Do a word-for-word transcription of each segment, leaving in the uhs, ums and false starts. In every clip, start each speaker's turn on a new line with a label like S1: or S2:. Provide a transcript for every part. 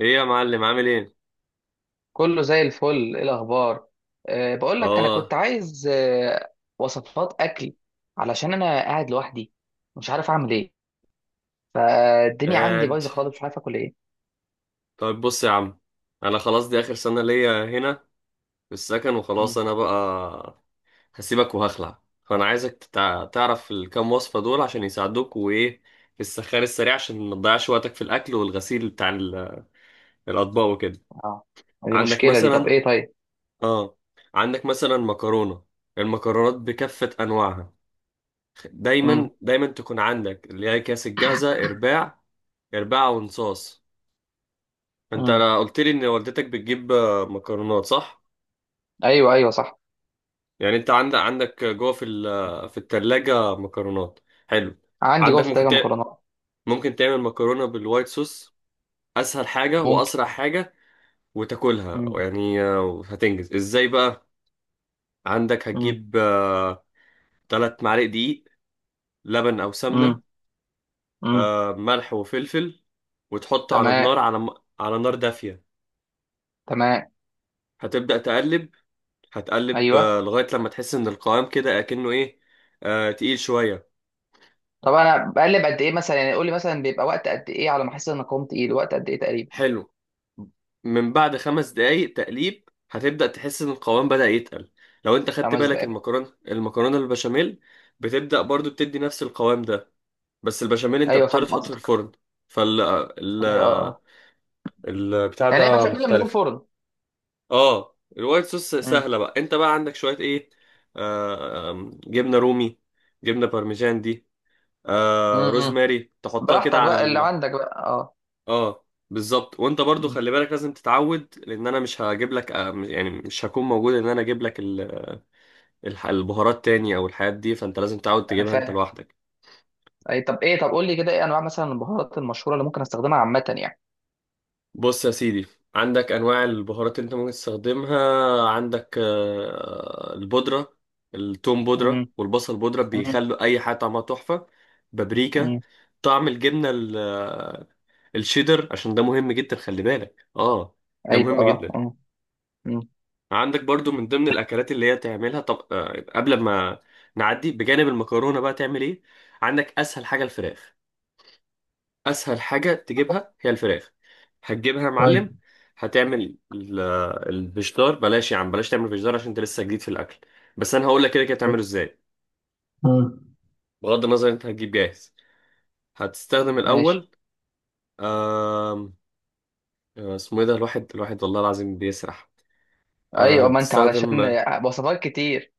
S1: ايه يا معلم، عامل ايه؟
S2: كله زي الفل. ايه الاخبار؟ أه بقول لك انا كنت
S1: اه،
S2: عايز أه وصفات اكل، علشان انا قاعد لوحدي مش عارف اعمل ايه، فالدنيا عندي
S1: قاعد.
S2: بايظه خالص مش عارف اكل ايه.
S1: طيب بص يا عم، انا خلاص دي اخر سنة ليا هنا في السكن، وخلاص
S2: مم.
S1: انا بقى هسيبك وهخلع، فانا عايزك تتع- تعرف الكام وصفة دول عشان يساعدوك، وايه في السخان السريع عشان ما تضيعش وقتك في الاكل والغسيل بتاع ال- الاطباق وكده.
S2: اه، دي
S1: عندك
S2: مشكله دي. طب
S1: مثلا
S2: ايه؟ طيب.
S1: اه، عندك مثلا مكرونة. المكرونات بكافة انواعها
S2: مم.
S1: دايما دايما تكون عندك، اللي هي كاس الجاهزة، ارباع ارباع ونصاص. انت
S2: مم.
S1: قلت لي ان والدتك بتجيب آه، مكرونات، صح؟
S2: ايوه ايوه صح.
S1: يعني انت عندك عندك جوه في ال- في التلاجة مكرونات، حلو.
S2: عندي جوه
S1: عندك
S2: في
S1: ممكن
S2: التلاجه
S1: تع...
S2: مكرونات.
S1: ممكن تعمل مكرونة بالوايت صوص، اسهل حاجة
S2: ممكن.
S1: واسرع حاجة، وتاكلها.
S2: مم.
S1: يعني آه، هتنجز ازاي بقى؟ عندك
S2: مم.
S1: هتجيب آه، تلات معالق دقيق، لبن او
S2: مم.
S1: سمنة،
S2: مم.
S1: آه، ملح وفلفل، وتحط على
S2: تمام.
S1: النار على م- على نار دافية.
S2: تمام.
S1: هتبدأ تقلب، هتقلب
S2: ايوه.
S1: آه، لغاية لما تحس ان القوام كده اكنه ايه، آه، تقيل شوية.
S2: طب انا بقلب قد ايه مثلا؟ يعني قول لي مثلا بيبقى وقت قد ايه على ما احس ان أنا قمت ايه، وقت قد ايه تقريبا؟
S1: حلو. من بعد خمس دقايق تقليب هتبدأ تحس ان القوام بدأ يتقل. لو انت خدت
S2: خمس
S1: بالك،
S2: دقائق.
S1: المكرونة المكرونة البشاميل بتبدأ برضو بتدي نفس القوام ده، بس البشاميل انت
S2: ايوه
S1: بتضطر
S2: فاهم
S1: تحطه في
S2: قصدك.
S1: الفرن. فال آه، ال...
S2: ايوه اه.
S1: البتاع
S2: يعني هيبقى
S1: ده
S2: شغال من غير
S1: مختلف.
S2: فرن؟
S1: اه، الوايت صوص
S2: مم.
S1: سهلة بقى. انت بقى عندك شوية ايه، آه... آم، جبنة رومي، جبنة بارميجان دي، آه،
S2: مم.
S1: روزماري تحطها كده
S2: براحتك
S1: على
S2: بقى اللي
S1: ال...
S2: عندك بقى اه.
S1: اه بالظبط. وانت برضو
S2: مم.
S1: خلي بالك لازم تتعود، لان انا مش هجيب لك آه م- يعني مش هكون موجود ان انا اجيب لك ال... الح- البهارات تاني او الحاجات دي، فانت لازم تتعود
S2: انا
S1: تجيبها انت
S2: فاهم.
S1: لوحدك.
S2: اي طب ايه؟ طب قول لي كده ايه انواع مثلا البهارات المشهوره اللي ممكن استخدمها عامه يعني؟
S1: بص يا سيدي، عندك انواع البهارات اللي انت ممكن تستخدمها. عندك آه، البودرة، التوم بودرة
S2: مم.
S1: والبصل بودرة،
S2: مم.
S1: بيخلوا اي حاجة طعمها تحفة. بابريكا.
S2: مم.
S1: طعم الجبنة ال- آه، الشيدر، عشان ده مهم جدا، خلي بالك، اه، ده
S2: ايوه
S1: مهم
S2: اه
S1: جدا.
S2: اه. مم.
S1: عندك برضو من ضمن الاكلات اللي هي تعملها، طب آه، قبل ما نعدي بجانب المكرونه بقى تعمل ايه؟ عندك اسهل حاجه الفراخ، اسهل حاجه تجيبها هي الفراخ. هتجيبها يا
S2: طيب.
S1: معلم. هتعمل ال- الفشدار؟ بلاش يا عم، بلاش تعمل فشدار عشان انت لسه جديد في الاكل، بس انا هقول لك كده كده تعمله ازاي.
S2: مم.
S1: بغض النظر انت هتجيب جاهز. هتستخدم
S2: ماشي.
S1: الاول آم، آه، اسمه ايه ده، الواحد الواحد والله العظيم بيسرح. آه،
S2: ايوه، ما انت علشان
S1: هتستخدم...
S2: وصفات كتير.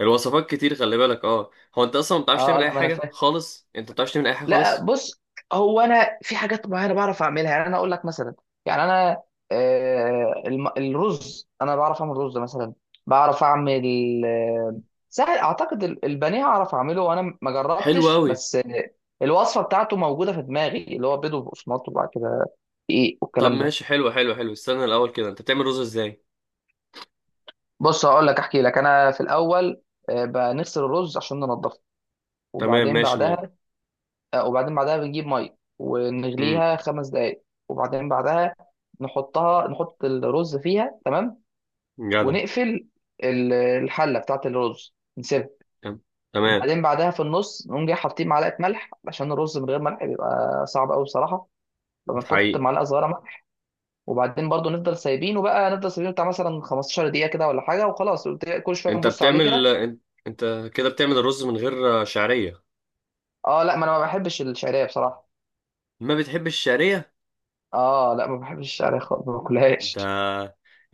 S1: الوصفات كتير، خلي بالك، اه. هو انت اصلا ما بتعرفش
S2: اه آه،
S1: تعمل اي
S2: لا، ما انا
S1: حاجه
S2: فاهم.
S1: خالص، انت ما بتعرفش تعمل اي حاجه
S2: لا
S1: خالص
S2: بص، هو انا في حاجات معينه بعرف اعملها. يعني انا اقول لك مثلا، يعني انا آه الم- الرز انا بعرف اعمل رز مثلا. بعرف اعمل آه سهل اعتقد ال- البانيه اعرف اعمله وانا ما
S1: حلو
S2: جربتش،
S1: قوي.
S2: بس آه، الوصفه بتاعته موجوده في دماغي، اللي هو بيض وبقسماط وبعد كده ايه
S1: طب
S2: والكلام ده.
S1: ماشي، حلو حلو حلو، استنى الاول كده، انت بتعمل رز ازاي؟
S2: بص هقول لك، احكي لك انا في الاول. آه بنغسل الرز عشان ننضفه،
S1: تمام،
S2: وبعدين
S1: ماشي. م...
S2: بعدها، آه، وبعدين بعدها بنجيب ميه
S1: امم
S2: ونغليها خمس دقايق، وبعدين بعدها نحطها، نحط الرز فيها. تمام.
S1: جدع.
S2: ونقفل ال- الحله بتاعت الرز، نسيبها.
S1: تم- تمام.
S2: وبعدين بعدها في النص نقوم جاي حاطين معلقه ملح، عشان الرز من غير ملح بيبقى صعب قوي بصراحه،
S1: انت
S2: فبنحط
S1: حقيقي.
S2: معلقه صغيره ملح. وبعدين برضو نفضل سايبينه بقى، نفضل سايبينه بتاع مثلا خمسة عشر دقيقه كده ولا حاجه، وخلاص كل شويه
S1: انت
S2: نبص عليه
S1: بتعمل
S2: كده.
S1: انت انت كده بتعمل الرز من غير آه، شعريه؟
S2: اه لا، ما انا ما بحبش الشعريه بصراحه.
S1: ما بتحبش الشعريه؟
S2: اه لا، ما بحبش الشعريه خالص، ما
S1: ده
S2: باكلهاش.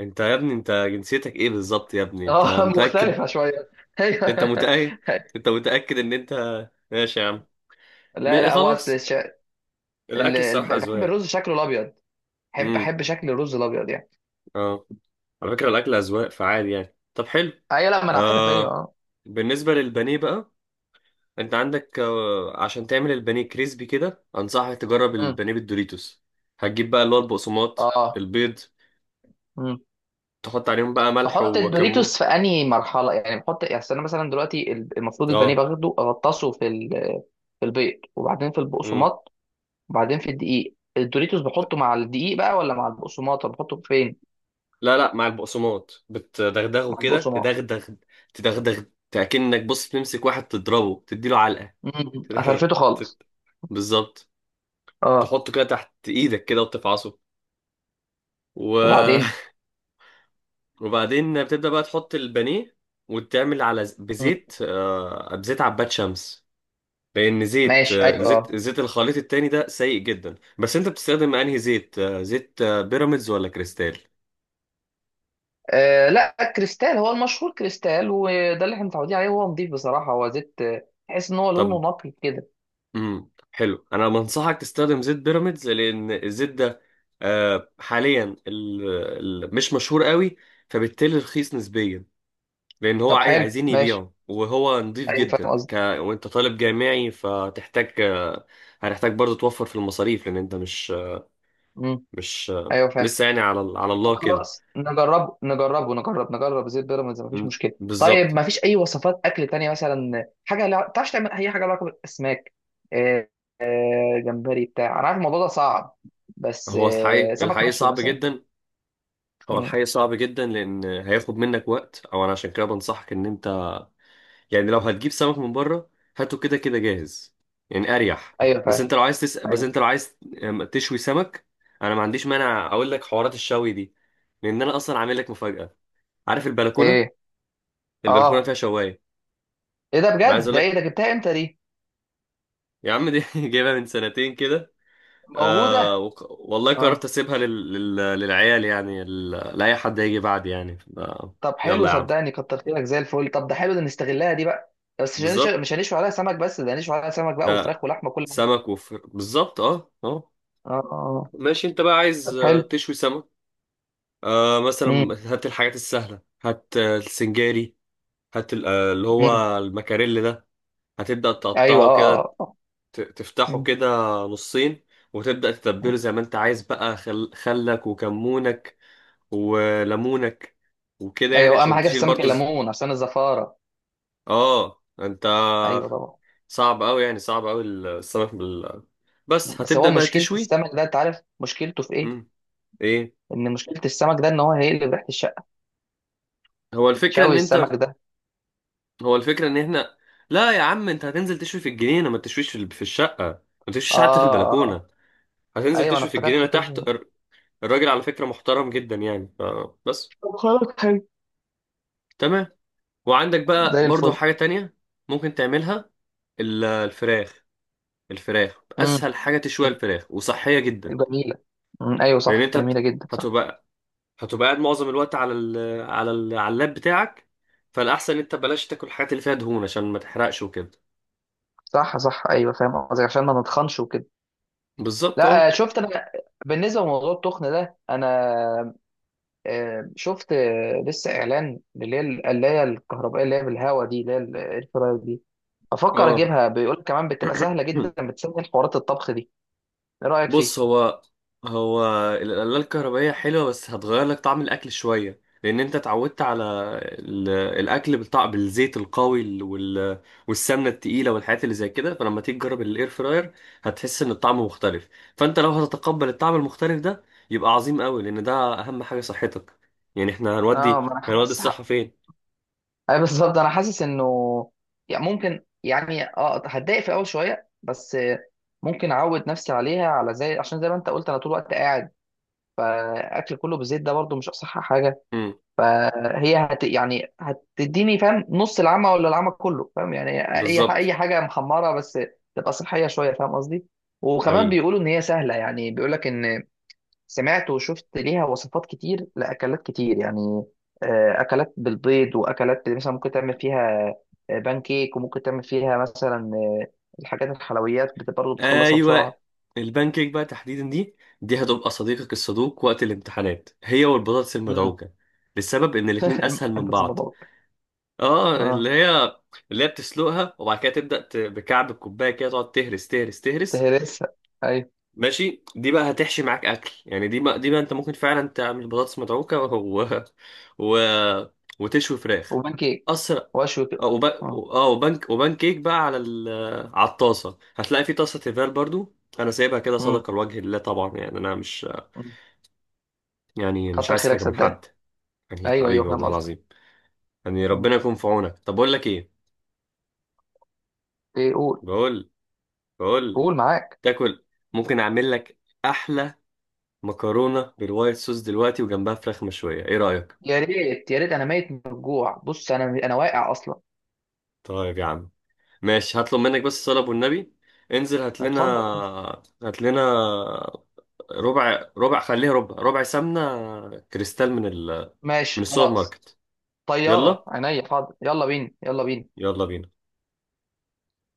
S1: انت يا ابني، انت جنسيتك ايه بالظبط يا ابني، انت
S2: اه
S1: متاكد؟
S2: مختلفة شوية. ايوه
S1: انت متاكد، انت متاكد ان انت ماشي يا عم.
S2: لا
S1: م-
S2: لا، هو اصل
S1: خلاص،
S2: الش... ال...
S1: الاكل
S2: ال...
S1: الصراحه
S2: بحب
S1: اذواق.
S2: الرز شكله الابيض. بحب بحب شكل الرز الابيض يعني.
S1: اه، على فكرة الأكل أذواق فعال، يعني طب حلو.
S2: ايوه لا، ما انا عارف. ايوه
S1: آه،
S2: اه.
S1: بالنسبة للبانيه بقى، أنت عندك آه، عشان تعمل البانيه كريسبي كده، أنصحك تجرب
S2: مم.
S1: البانيه بالدوريتوس. هتجيب بقى اللي هو البقسماط
S2: اه.
S1: البيض،
S2: مم.
S1: تحط عليهم بقى ملح
S2: بحط
S1: وكمون.
S2: الدوريتوس في انهي مرحلة يعني؟ بحط يعني، أصل انا مثلا دلوقتي ال- المفروض البانيه
S1: اه.
S2: باخده اغطسه في ال... في البيض، وبعدين في
S1: مم.
S2: البقسماط، وبعدين في الدقيق. الدوريتوس بحطه مع الدقيق بقى ولا مع البقسماط؟ طب بحطه فين؟
S1: لا لا، مع البقسماط بتدغدغه
S2: مع
S1: كده،
S2: البقسماط.
S1: تدغدغ. تدغدغ كأنك بص تمسك واحد تضربه تديله علقة.
S2: مم.
S1: تدغدغ.
S2: افرفته خالص.
S1: تت- بالظبط.
S2: اه.
S1: تحطه كده تحت إيدك كده وتفعصه، و
S2: وبعدين؟
S1: وبعدين بتبدأ بقى تحط البانيه، وتعمل على ز-
S2: مم.
S1: بزيت آه، بزيت عباد شمس، لأن زيت
S2: ماشي.
S1: آه،
S2: ايوه
S1: زيت
S2: آه.
S1: زيت الخليط التاني ده سيء جدا. بس أنت بتستخدم أنهي زيت، آه، زيت آه، بيراميدز ولا كريستال؟
S2: آه لا، كريستال هو المشهور، كريستال، وده اللي احنا متعودين عليه. هو نضيف بصراحه، هو زيت آه، تحس ان هو
S1: طب
S2: لونه نقي كده.
S1: امم، حلو، أنا بنصحك تستخدم زيت بيراميدز، لأن الزيت ده آه، حاليا ال- ال- مش مشهور قوي، فبالتالي رخيص نسبيا، لان هو
S2: طب
S1: عاي-
S2: حلو
S1: عايزين
S2: ماشي.
S1: يبيعه، وهو نضيف
S2: ايوه فاهم
S1: جدا
S2: قصدي.
S1: ك... وانت طالب جامعي فتحتاج آه، هتحتاج برضه توفر في المصاريف، لان انت مش
S2: امم.
S1: مش آه،
S2: ايوه فاهم.
S1: لسه يعني على ال- على
S2: طب
S1: الله كده.
S2: خلاص نجربه، نجربه، نجرب نجرب زيت بيراميدز، مفيش
S1: م-
S2: مشكله. طيب
S1: بالظبط.
S2: مفيش اي وصفات اكل تانية مثلا، حاجه لا تعرفش تعمل اي حاجه لها علاقه بالاسماك؟ آه، آه جمبري بتاع، انا عارف الموضوع ده صعب، بس
S1: هو
S2: آه
S1: الحقيقي،
S2: سمك
S1: الحقيقي
S2: مشوي
S1: صعب
S2: مثلا.
S1: جدا. هو
S2: مم.
S1: الحقيقي صعب جدا، لان هياخد منك وقت. او انا عشان كده بنصحك ان انت يعني لو هتجيب سمك من بره هاته كده كده جاهز، يعني اريح.
S2: ايوه
S1: بس
S2: فاهم.
S1: انت لو عايز تس... بس
S2: ايوه.
S1: انت لو عايز آم، تشوي سمك، انا ما عنديش مانع، اقول لك حوارات الشوي دي، لان انا اصلا عامل لك مفاجأة. عارف البلكونه؟
S2: ايه
S1: البلكونه
S2: اه؟
S1: فيها شوايه.
S2: ايه ده
S1: انا عايز
S2: بجد؟
S1: اقول
S2: ده ايه
S1: لك
S2: ده، جبتها امتى دي؟
S1: يا عم دي جايبها من سنتين كده.
S2: موجوده؟
S1: آه وق... والله قررت
S2: اه.
S1: اسيبها لل... لل... للعيال، يعني ال... لاي حد هيجي بعد، يعني آه.
S2: طب حلو،
S1: يلا يا عم.
S2: صدقني كتر خيرك. زي الفل. طب ده حلو ده، نستغلها دي بقى. بس مش هنش-
S1: بالظبط.
S2: مش هنشوي عليها سمك بس، ده هنشوي عليها سمك بقى
S1: ده
S2: وفراخ ولحمه كل حاجه.
S1: سمك وفر، بالظبط، اه اه.
S2: اه اه آه.
S1: ماشي، انت بقى
S2: طب
S1: عايز آه،
S2: حلو.
S1: تشوي سمك، آه، مثلا
S2: امم.
S1: هات الحاجات السهله، هات آه، السنجاري، هات ال- آه، اللي
S2: امم.
S1: هو المكاريل ده. هتبدأ
S2: ايوه
S1: تقطعه
S2: اه
S1: كده،
S2: اه آه.
S1: ت- تفتحه
S2: مم.
S1: كده نصين، وتبدأ تتبله
S2: مم.
S1: زي ما انت عايز بقى، خل... خلك وكمونك وليمونك وكده، يعني
S2: ايوه، اهم
S1: عشان
S2: حاجه في
S1: تشيل
S2: السمك
S1: برضو ز...
S2: الليمون عشان الزفاره.
S1: اه انت.
S2: ايوه طبعا.
S1: صعب قوي يعني، صعب قوي السمك بال... بس
S2: بس
S1: هتبدأ
S2: هو
S1: بقى
S2: مشكله
S1: تشوي.
S2: السمك ده، انت عارف مشكلته في ايه؟
S1: مم. ايه؟
S2: ان مشكله السمك ده، ان هو هيقلب ريحه الشقه،
S1: هو الفكرة
S2: شوي
S1: ان انت...
S2: السمك ده.
S1: هو الفكرة ان احنا... لا يا عم، انت هتنزل تشوي في الجنينة، ما تشويش في ال- في الشقة، ما
S2: اه
S1: تشويش حتى في
S2: اه آه.
S1: البلكونة. هتنزل
S2: ايوه انا
S1: تشوي في
S2: افتكرت
S1: الجنينة
S2: كنت
S1: تحت
S2: بتقول.
S1: الر- الراجل على فكرة محترم جدا، يعني ف- بس.
S2: طب خلاص حلو.
S1: تمام. وعندك بقى
S2: زي
S1: برضو
S2: الفل.
S1: حاجة تانية ممكن تعملها، ال- الفراخ. الفراخ
S2: امم.
S1: أسهل حاجة تشويها، الفراخ وصحية جدا.
S2: جميله. مم. ايوه
S1: لأن
S2: صح،
S1: أنت هت-
S2: جميله جدا، صح.
S1: هتبقى هتبقى قاعد معظم الوقت على ال على ال على اللاب بتاعك، فالأحسن أنت بلاش تاكل الحاجات اللي فيها دهون عشان ما تحرقش وكده.
S2: صح صح، ايوه فاهم قصدك، عشان ما نتخنش وكده.
S1: بالظبط،
S2: لا آه،
S1: اه
S2: شفت انا، بالنسبه لموضوع التخن ده، انا آه، شفت آه، لسه اعلان اللي هي القلايه الكهربائيه اللي هي بالهواء دي، اللي هي الاير فراير دي. افكر
S1: اه.
S2: اجيبها، بيقول كمان بتبقى سهله جدا، بتسهل حوارات الطبخ دي. ايه رايك فيه؟
S1: بص، هو هو القلاية الكهربائية حلوة، بس هتغير لك طعم الأكل شوية، لأن أنت اتعودت على ال- الأكل بالطعم بالزيت القوي، ال- وال- والسمنة التقيلة والحاجات اللي زي كده. فلما تيجي تجرب الإير فراير هتحس إن الطعم مختلف، فأنت لو هتتقبل الطعم المختلف ده يبقى عظيم قوي، لأن ده أهم حاجة، صحتك. يعني إحنا
S2: اه
S1: هنودي
S2: ما انا
S1: هنودي
S2: حاسس،
S1: الصحة فين؟
S2: اي بالظبط انا حاسس انه يعني ممكن، يعني اه هتضايق في اول شويه، بس آه، ممكن اعود نفسي عليها، على زي، عشان زي ما انت قلت انا طول الوقت قاعد، فاكل كله بالزيت ده برضو مش اصح حاجه.
S1: امم،
S2: فهي هت، يعني هتديني فاهم نص العمى ولا العمى كله، فاهم؟ يعني اي ح- اي
S1: بالظبط،
S2: حاجه محمره بس تبقى صحيه شويه، فاهم قصدي؟ وكمان
S1: حقيقي،
S2: بيقولوا ان هي سهله، يعني بيقول لك ان، سمعت وشفت ليها وصفات كتير لاكلات كتير يعني، آه، اكلات بالبيض، واكلات مثلا ممكن تعمل فيها آه، بانكيك، وممكن تعمل فيها مثلا آه، الحاجات الحلويات بت- برضه بتخلصها
S1: ايوه.
S2: بسرعه.
S1: البانكيك بقى تحديدا دي، دي هتبقى صديقك الصدوق وقت الامتحانات، هي والبطاطس
S2: امم.
S1: المدعوكه، للسبب ان الاتنين اسهل من
S2: بس
S1: بعض.
S2: الموضوع
S1: اه
S2: اه.
S1: اللي هي، اللي هي بتسلقها وبعد كده تبدا ت- بكعب الكوبايه كده، تقعد تهرس تهرس تهرس.
S2: تهرسها. ايوه.
S1: ماشي، دي بقى هتحشي معاك اكل، يعني دي بقى، دي بقى انت ممكن فعلا تعمل بطاطس مدعوكه و... و... وتشوي فراخ،
S2: وبانكيك.
S1: اسرع.
S2: واشوي
S1: اه
S2: كده.
S1: وب...
S2: آه.
S1: اه وبنك وبان كيك بقى على ال... على الطاسه، هتلاقي في طاسه تيفال برضو، انا سايبها كده
S2: امم.
S1: صدقه لوجه الله طبعا. يعني انا مش، يعني مش
S2: كتر
S1: عايز
S2: خيرك
S1: حاجه من
S2: صدقني.
S1: حد، يعني
S2: ايوه ايوه
S1: حبيبي
S2: فاهم
S1: والله
S2: قصدك.
S1: العظيم، يعني
S2: مم.
S1: ربنا يكون في عونك. طب بقول لك ايه،
S2: ايه قول.
S1: بقول بقول لك،
S2: قول معاك.
S1: تاكل. ممكن اعمل لك احلى مكرونه بالوايت صوص دلوقتي، وجنبها فراخ مشويه، ايه رايك؟
S2: يا ريت يا ريت، انا ميت من الجوع. بص انا انا واقع اصلا.
S1: طيب يا عم، ماشي، هطلب منك بس الصلاه والنبي، انزل هات لنا،
S2: اتفضل.
S1: هات لنا ربع ربع خليها ربع ربع سمنة كريستال من ال... من
S2: ماشي
S1: السوبر
S2: خلاص.
S1: ماركت.
S2: طياره
S1: يلا،
S2: عينيا، حاضر، يلا بينا يلا بينا.
S1: يلا بينا.